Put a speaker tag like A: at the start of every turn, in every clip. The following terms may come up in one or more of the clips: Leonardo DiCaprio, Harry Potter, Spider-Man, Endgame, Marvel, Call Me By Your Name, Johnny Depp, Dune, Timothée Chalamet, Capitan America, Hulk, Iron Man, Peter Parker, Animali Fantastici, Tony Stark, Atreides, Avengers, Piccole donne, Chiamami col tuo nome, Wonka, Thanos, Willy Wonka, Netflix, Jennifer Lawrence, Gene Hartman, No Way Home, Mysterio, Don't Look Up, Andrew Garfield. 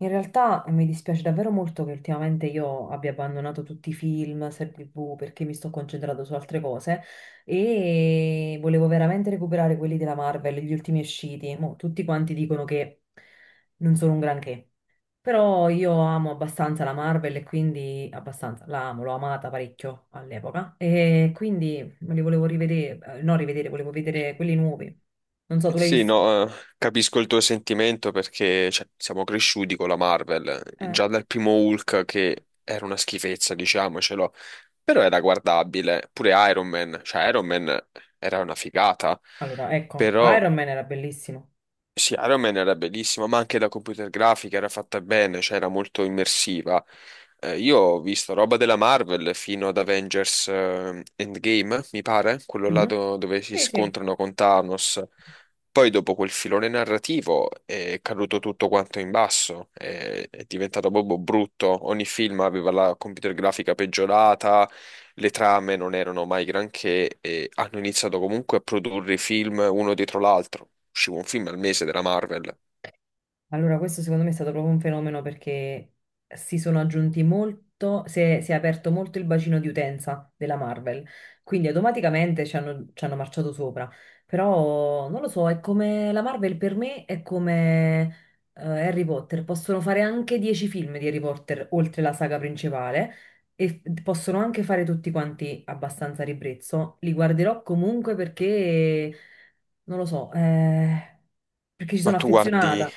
A: In realtà mi dispiace davvero molto che ultimamente io abbia abbandonato tutti i film, serie TV, perché mi sto concentrando su altre cose e volevo veramente recuperare quelli della Marvel, gli ultimi usciti. Mo, tutti quanti dicono che non sono un granché, però io amo abbastanza la Marvel e quindi abbastanza, la amo, l'ho amata parecchio all'epoca e quindi me li volevo rivedere, no rivedere, volevo vedere quelli nuovi. Non so, tu li hai
B: Sì,
A: visti?
B: no, capisco il tuo sentimento perché cioè, siamo cresciuti con la Marvel,
A: Eh,
B: già dal primo Hulk che era una schifezza, diciamocelo, però era guardabile, pure Iron Man, cioè Iron Man era una figata,
A: allora, ecco,
B: però
A: Iron Man era bellissimo.
B: sì, Iron Man era bellissima, ma anche la computer grafica era fatta bene, cioè era molto immersiva. Io ho visto roba della Marvel fino ad Avengers Endgame, mi pare, quello là
A: Mhm.
B: dove si
A: Sì, sì.
B: scontrano con Thanos. Poi dopo quel filone narrativo è caduto tutto quanto in basso, è diventato proprio brutto. Ogni film aveva la computer grafica peggiorata, le trame non erano mai granché e hanno iniziato comunque a produrre i film uno dietro l'altro. Usciva un film al mese della Marvel.
A: Allora, questo secondo me è stato proprio un fenomeno perché si sono aggiunti molto, si è aperto molto il bacino di utenza della Marvel, quindi automaticamente ci hanno marciato sopra. Però non lo so, è come la Marvel per me è come eh, Harry Potter, possono fare anche 10 film di Harry Potter oltre la saga principale e possono anche fare tutti quanti abbastanza a ribrezzo. Li guarderò comunque perché, non lo so, perché ci
B: Ma
A: sono
B: tu guardi,
A: affezionata.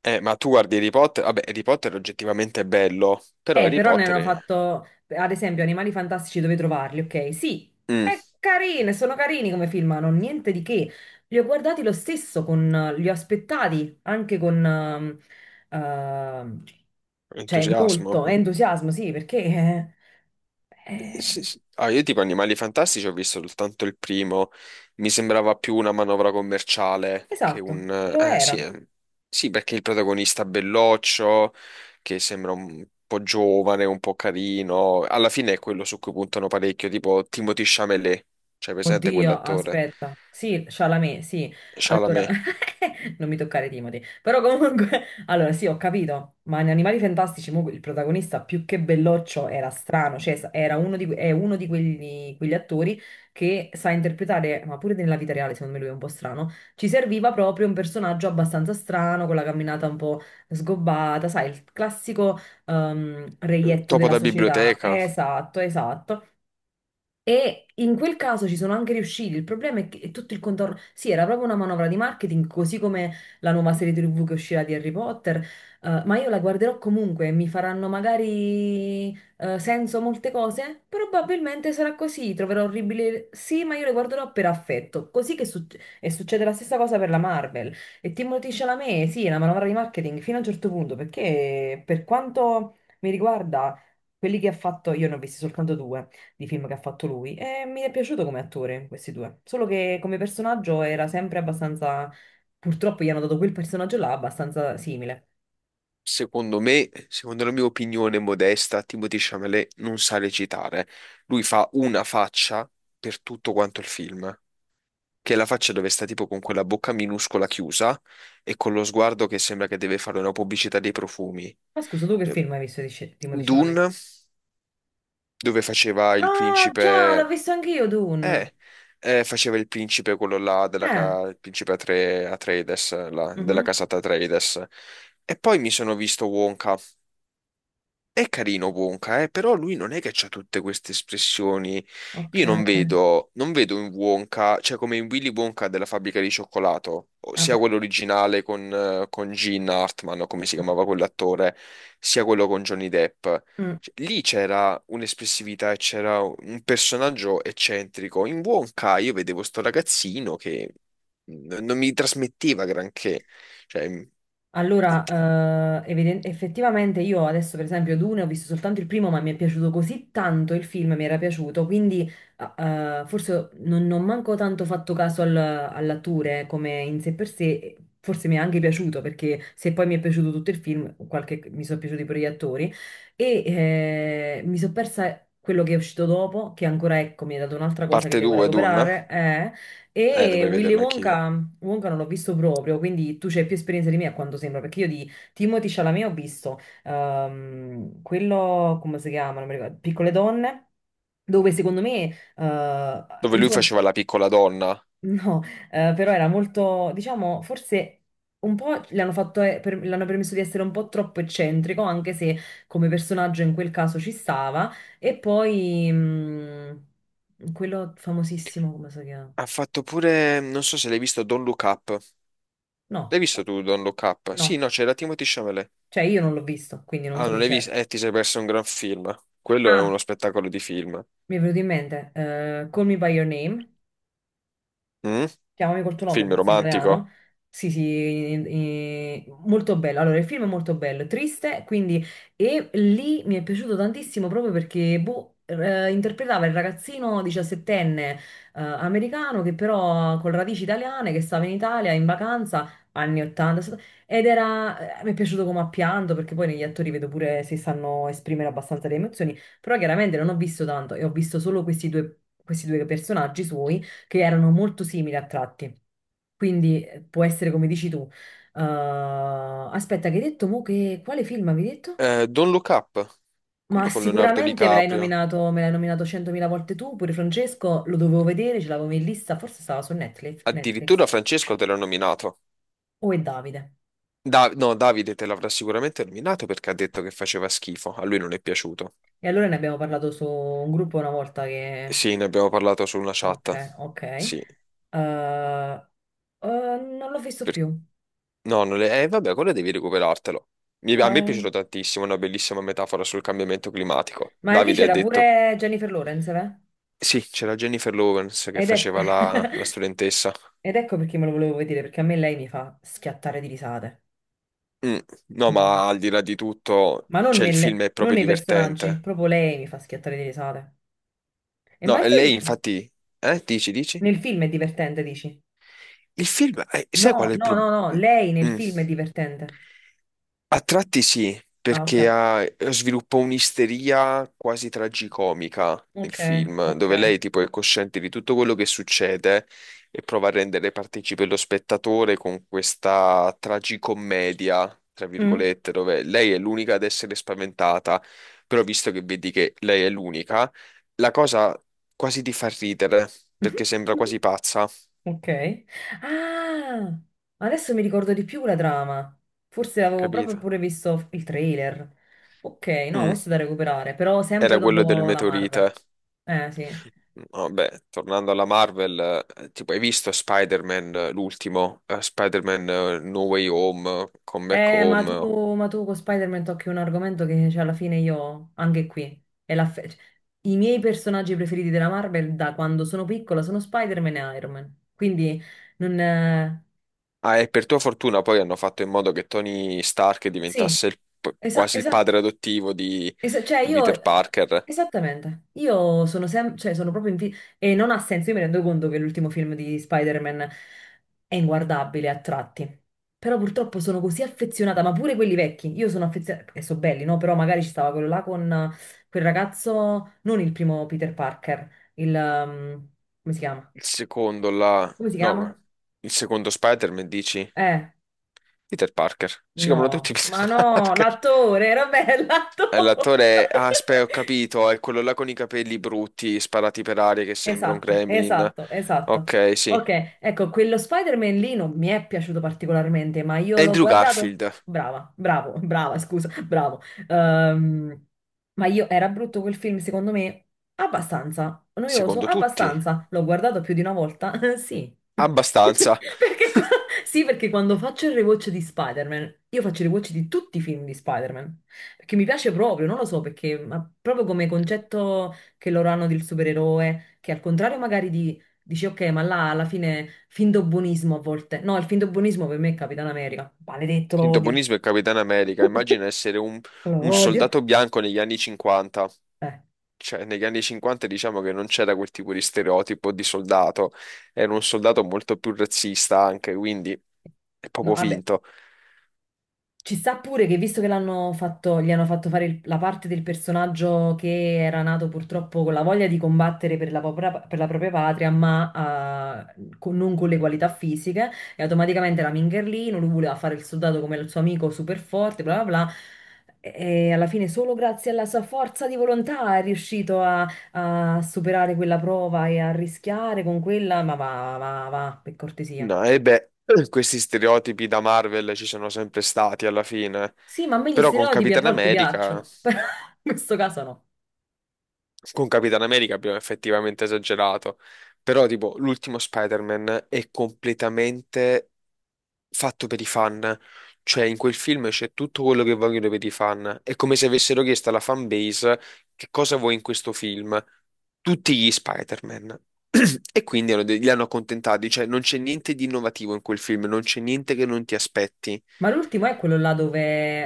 B: ma tu guardi Harry Potter? Vabbè, Harry Potter oggettivamente è bello, però Harry
A: Però ne
B: Potter
A: hanno
B: è...
A: fatto, ad esempio, Animali Fantastici dove trovarli, ok? Sì,
B: Mm,
A: è carine, sono carini come film, ma non niente di che. Li ho guardati lo stesso, li ho aspettati anche con, ehm, cioè,
B: entusiasmo.
A: molto entusiasmo, sì, perché...
B: Sì,
A: eh,
B: sì. Ah, io tipo Animali Fantastici ho visto soltanto il primo, mi sembrava più una manovra commerciale che
A: esatto,
B: un...
A: lo
B: eh, sì,
A: era.
B: eh, sì, perché il protagonista belloccio, che sembra un po' giovane, un po' carino, alla fine è quello su cui puntano parecchio, tipo Timothée Chalamet, cioè presente
A: Oddio,
B: quell'attore?
A: aspetta. Sì, Chalamet, sì. Allora,
B: Chalamet.
A: non mi toccare Timothy. Però comunque, allora sì, ho capito, ma in Animali Fantastici mo, il protagonista più che belloccio era strano, cioè era uno di, è uno di quelli, quegli attori che sa interpretare, ma pure nella vita reale, secondo me lui è un po' strano, ci serviva proprio un personaggio abbastanza strano, con la camminata un po' sgobbata, sai, il classico reietto
B: Topo
A: della
B: da
A: società.
B: biblioteca.
A: Esatto, esatto. E in quel caso ci sono anche riusciti. Il problema è che è tutto il contorno. Sì, era proprio una manovra di marketing, così come la nuova serie TV che uscirà di Harry Potter. Ma io la guarderò comunque, mi faranno magari senso molte cose. Probabilmente sarà così. Troverò orribile. Sì, ma io le guarderò per affetto. Così che e succede la stessa cosa per la Marvel. E Timothée Chalamet, sì, è una manovra di marketing fino a un certo punto, perché per quanto mi riguarda, quelli che ha fatto, io ne ho visti soltanto due di film che ha fatto lui e mi è piaciuto come attore, questi due. Solo che come personaggio era sempre abbastanza, purtroppo gli hanno dato quel personaggio là abbastanza simile.
B: Secondo me, secondo la mia opinione modesta, Timothée Chalamet non sa recitare. Lui fa una faccia per tutto quanto il film, che è la faccia dove sta tipo con quella bocca minuscola chiusa e con lo sguardo che sembra che deve fare una pubblicità dei profumi.
A: Ma scusa, tu che
B: Cioè,
A: film hai visto di Timothée Chalamet?
B: Dune, dove
A: Ah, già, l'ho visto anch'io, Dune.
B: Eh, faceva il principe quello là, della
A: Eh,
B: il principe Atreides, là, della
A: mhm.
B: casata Atreides. E poi mi sono visto Wonka. È carino Wonka, però lui non è che ha tutte queste espressioni.
A: Ok,
B: Io non vedo, non vedo in Wonka, cioè come in Willy Wonka della fabbrica di cioccolato, o sia
A: vabbè.
B: quello originale con Gene Hartman, o come si
A: Mm,
B: chiamava quell'attore, sia quello con Johnny Depp.
A: mm.
B: Cioè, lì c'era un'espressività e c'era un personaggio eccentrico. In Wonka io vedevo sto ragazzino che non mi trasmetteva granché. Cioè,
A: Allora, effettivamente io adesso per esempio Dune ho visto soltanto il primo, ma mi è piaciuto così tanto il film, mi era piaciuto, quindi forse non manco tanto fatto caso all'attore come in sé per sé, forse mi è anche piaciuto perché se poi mi è piaciuto tutto il film, mi sono piaciuti pure gli attori e mi sono persa quello che è uscito dopo, che ancora ecco mi ha dato un'altra cosa che
B: parte
A: devo
B: 2, Dun,
A: recuperare, e
B: dovrei
A: Willy
B: vederlo anch'io.
A: Wonka, Wonka non l'ho visto proprio, quindi tu c'hai più esperienza di me a quanto sembra, perché io di Timothy Chalamet ho visto quello, come si chiama, non mi ricordo, Piccole donne, dove secondo me,
B: Dove lui
A: insomma,
B: faceva la piccola donna.
A: no, però era molto, diciamo, forse un po' l'hanno fatto, l'hanno permesso di essere un po' troppo eccentrico, anche se come personaggio in quel caso ci stava, e poi quello famosissimo, come si chiama?
B: Ha fatto pure, non so se l'hai visto, Don't Look Up. L'hai
A: No.
B: visto tu, Don't Look Up? Sì,
A: No,
B: no, c'era Timothy Chalamet.
A: cioè, io non l'ho visto, quindi non
B: Ah,
A: so
B: non
A: chi
B: l'hai
A: c'era.
B: visto? Ti sei perso un gran film. Quello è
A: Ah,
B: uno spettacolo di film.
A: mi è venuto in mente, Call Me By Your Name,
B: Mm?
A: Chiamami col tuo nome,
B: Film
A: forse in
B: romantico.
A: italiano. Sì, sì, molto bello. Allora, il film è molto bello, triste, quindi... E lì mi è piaciuto tantissimo proprio perché, boh, interpretava il ragazzino diciassettenne, americano che però con radici italiane, che stava in Italia in vacanza, anni 80, ed era... mi è piaciuto come ha pianto, perché poi negli attori vedo pure se sanno esprimere abbastanza le emozioni, però chiaramente non ho visto tanto e ho visto solo questi due personaggi suoi che erano molto simili a tratti. Quindi può essere come dici tu. Eh, Aspetta, che hai detto mo che quale film avevi detto?
B: Don't Look Up,
A: Ma
B: quello con Leonardo
A: sicuramente
B: DiCaprio.
A: me l'hai nominato 100.000 volte tu, pure Francesco, lo dovevo vedere, ce l'avevo in lista, forse stava su Netflix,
B: Addirittura
A: Netflix.
B: Francesco te l'ha nominato.
A: O è Davide.
B: No, Davide te l'avrà sicuramente nominato perché ha detto che faceva schifo. A lui non è piaciuto.
A: E allora ne abbiamo parlato su un gruppo una volta che...
B: Sì, ne abbiamo parlato su una
A: Ok,
B: chat.
A: ok.
B: Sì,
A: Eh, non l'ho visto
B: perché
A: più.
B: no, non le... vabbè, quello devi recuperartelo. A
A: No,
B: me è
A: eh.
B: piaciuto tantissimo, una bellissima metafora sul cambiamento climatico.
A: Ma lì
B: Davide ha
A: c'era
B: detto...
A: pure Jennifer Lawrence, eh?
B: Sì, c'era Jennifer Lawrence che
A: Ed è...
B: faceva la studentessa.
A: Ed ecco perché me lo volevo vedere, perché a me lei mi fa schiattare di risate.
B: Mm, no,
A: Mamma.
B: ma al di là di tutto,
A: Ma non,
B: cioè, il
A: nelle-
B: film è
A: non
B: proprio
A: nei personaggi,
B: divertente.
A: proprio lei mi fa schiattare di risate. E ma
B: No,
A: il
B: e
A: film,
B: lei infatti... dici, dici?
A: nel film è divertente, dici?
B: Il film... sai
A: No,
B: qual è il
A: no, no,
B: problema?
A: no, lei nel film è divertente.
B: A tratti sì,
A: Ah, ok,
B: perché sviluppa un'isteria quasi tragicomica nel
A: ok,
B: film,
A: ok.
B: dove lei tipo è cosciente di tutto quello che succede e prova a rendere partecipe lo spettatore con questa tragicommedia, tra
A: Mm.
B: virgolette, dove lei è l'unica ad essere spaventata, però visto che vedi che lei è l'unica, la cosa quasi ti fa ridere, perché sembra quasi pazza,
A: Ok. Ah, adesso mi ricordo di più la trama. Forse avevo proprio
B: capito?
A: pure visto il trailer. Ok, no,
B: Mm,
A: questo è da recuperare, però sempre
B: era quello del
A: dopo la Marvel.
B: meteorite.
A: Sì.
B: Vabbè, tornando alla Marvel, tipo, hai visto Spider-Man, l'ultimo, Spider-Man No Way Home, Come Back
A: Ma
B: Home.
A: tu, ma tu con Spider-Man tocchi un argomento che cioè, alla fine io, anche qui, è la cioè, i miei personaggi preferiti della Marvel da quando sono piccola sono Spider-Man e Iron Man. Quindi non...
B: Ah, e per tua fortuna poi hanno fatto in modo che Tony Stark
A: Sì,
B: diventasse il
A: esatto.
B: quasi il padre adottivo
A: Cioè
B: di
A: io,
B: Peter Parker.
A: esattamente, io sono sempre, cioè sono proprio in e non ha senso, io mi rendo conto che l'ultimo film di Spider-Man è inguardabile a tratti, però purtroppo sono così affezionata, ma pure quelli vecchi, io sono affezionata, e sono belli, no? Però magari ci stava quello là con quel ragazzo, non il primo Peter Parker, il, come si chiama?
B: Il secondo, la...
A: Come si chiama?
B: no, il secondo Spider-Man, dici?
A: Eh,
B: Peter Parker. Si chiamano tutti
A: no, ma
B: Peter
A: no,
B: Parker.
A: l'attore, era bello, l'attore.
B: L'attore è... Ah, aspetta, ho capito, è quello là con i capelli brutti, sparati per aria, che sembra un
A: Esatto,
B: Gremlin.
A: esatto, esatto.
B: Ok, sì.
A: Ok, ecco, quello Spider-Man lì non mi è piaciuto particolarmente, ma io l'ho
B: Andrew
A: guardato.
B: Garfield,
A: Brava, bravo, brava, scusa, bravo. Ehm, ma io era brutto quel film, secondo me? Abbastanza. Noioso?
B: secondo tutti,
A: Abbastanza. L'ho guardato più di una volta? Sì.
B: abbastanza.
A: Perché qua- Sì, perché quando faccio il rewatch di Spider-Man, io faccio il rewatch di tutti i film di Spider-Man. Perché mi piace proprio, non lo so, perché ma proprio come concetto che loro hanno del supereroe, che al contrario magari di, dici ok, ma là alla fine finto buonismo a volte. No, il finto buonismo per me è Capitan America. Maledetto, lo
B: Finto
A: odio.
B: buonismo e Capitano America, immagina essere
A: Lo
B: un
A: odio.
B: soldato bianco negli anni 50.
A: Eh.
B: Cioè, negli anni 50 diciamo che non c'era quel tipo di stereotipo di soldato, era un soldato molto più razzista anche, quindi è
A: No,
B: proprio
A: vabbè,
B: finto.
A: ci sta pure che visto che l'hanno fatto, gli hanno fatto fare la parte del personaggio che era nato purtroppo con la voglia di combattere per la propria patria, ma non con le qualità fisiche, e automaticamente era Mingerlino, lui voleva fare il soldato come il suo amico super forte, bla bla bla, e alla fine solo grazie alla sua forza di volontà è riuscito a, a superare quella prova e a rischiare con quella, ma va, va, va, per cortesia.
B: No, e beh, questi stereotipi da Marvel ci sono sempre stati alla fine.
A: Sì, ma a me gli
B: Però con
A: stereotipi a
B: Capitan
A: volte
B: America.
A: piacciono, però in questo caso no.
B: Con Capitan America abbiamo effettivamente esagerato, però tipo l'ultimo Spider-Man è completamente fatto per i fan, cioè in quel film c'è tutto quello che vogliono per i fan, è come se avessero chiesto alla fan base che cosa vuoi in questo film, tutti gli Spider-Man. E quindi li hanno accontentati, cioè non c'è niente di innovativo in quel film, non c'è niente che non ti aspetti.
A: Ma l'ultimo è quello là dove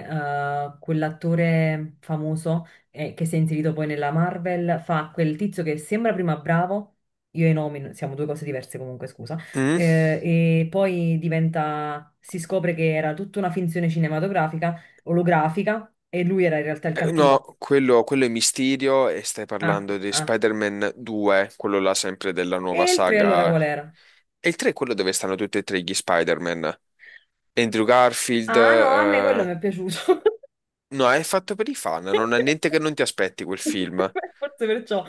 A: quell'attore famoso che si è inserito poi nella Marvel fa quel tizio che sembra prima bravo, io e i nomi siamo due cose diverse comunque, scusa,
B: Mm?
A: eh, e poi diventa, si scopre che era tutta una finzione cinematografica, olografica, e lui era in realtà il cattivo.
B: No, quello è Mysterio e stai
A: Ah,
B: parlando di
A: ah.
B: Spider-Man 2, quello là sempre della nuova
A: E il 3 allora
B: saga.
A: qual era?
B: E il 3 è quello dove stanno tutti e tre gli Spider-Man. Andrew Garfield,
A: Ah no, a me quello mi è piaciuto.
B: no, è fatto per i fan, non ha niente che non ti aspetti quel film.
A: Forse perciò.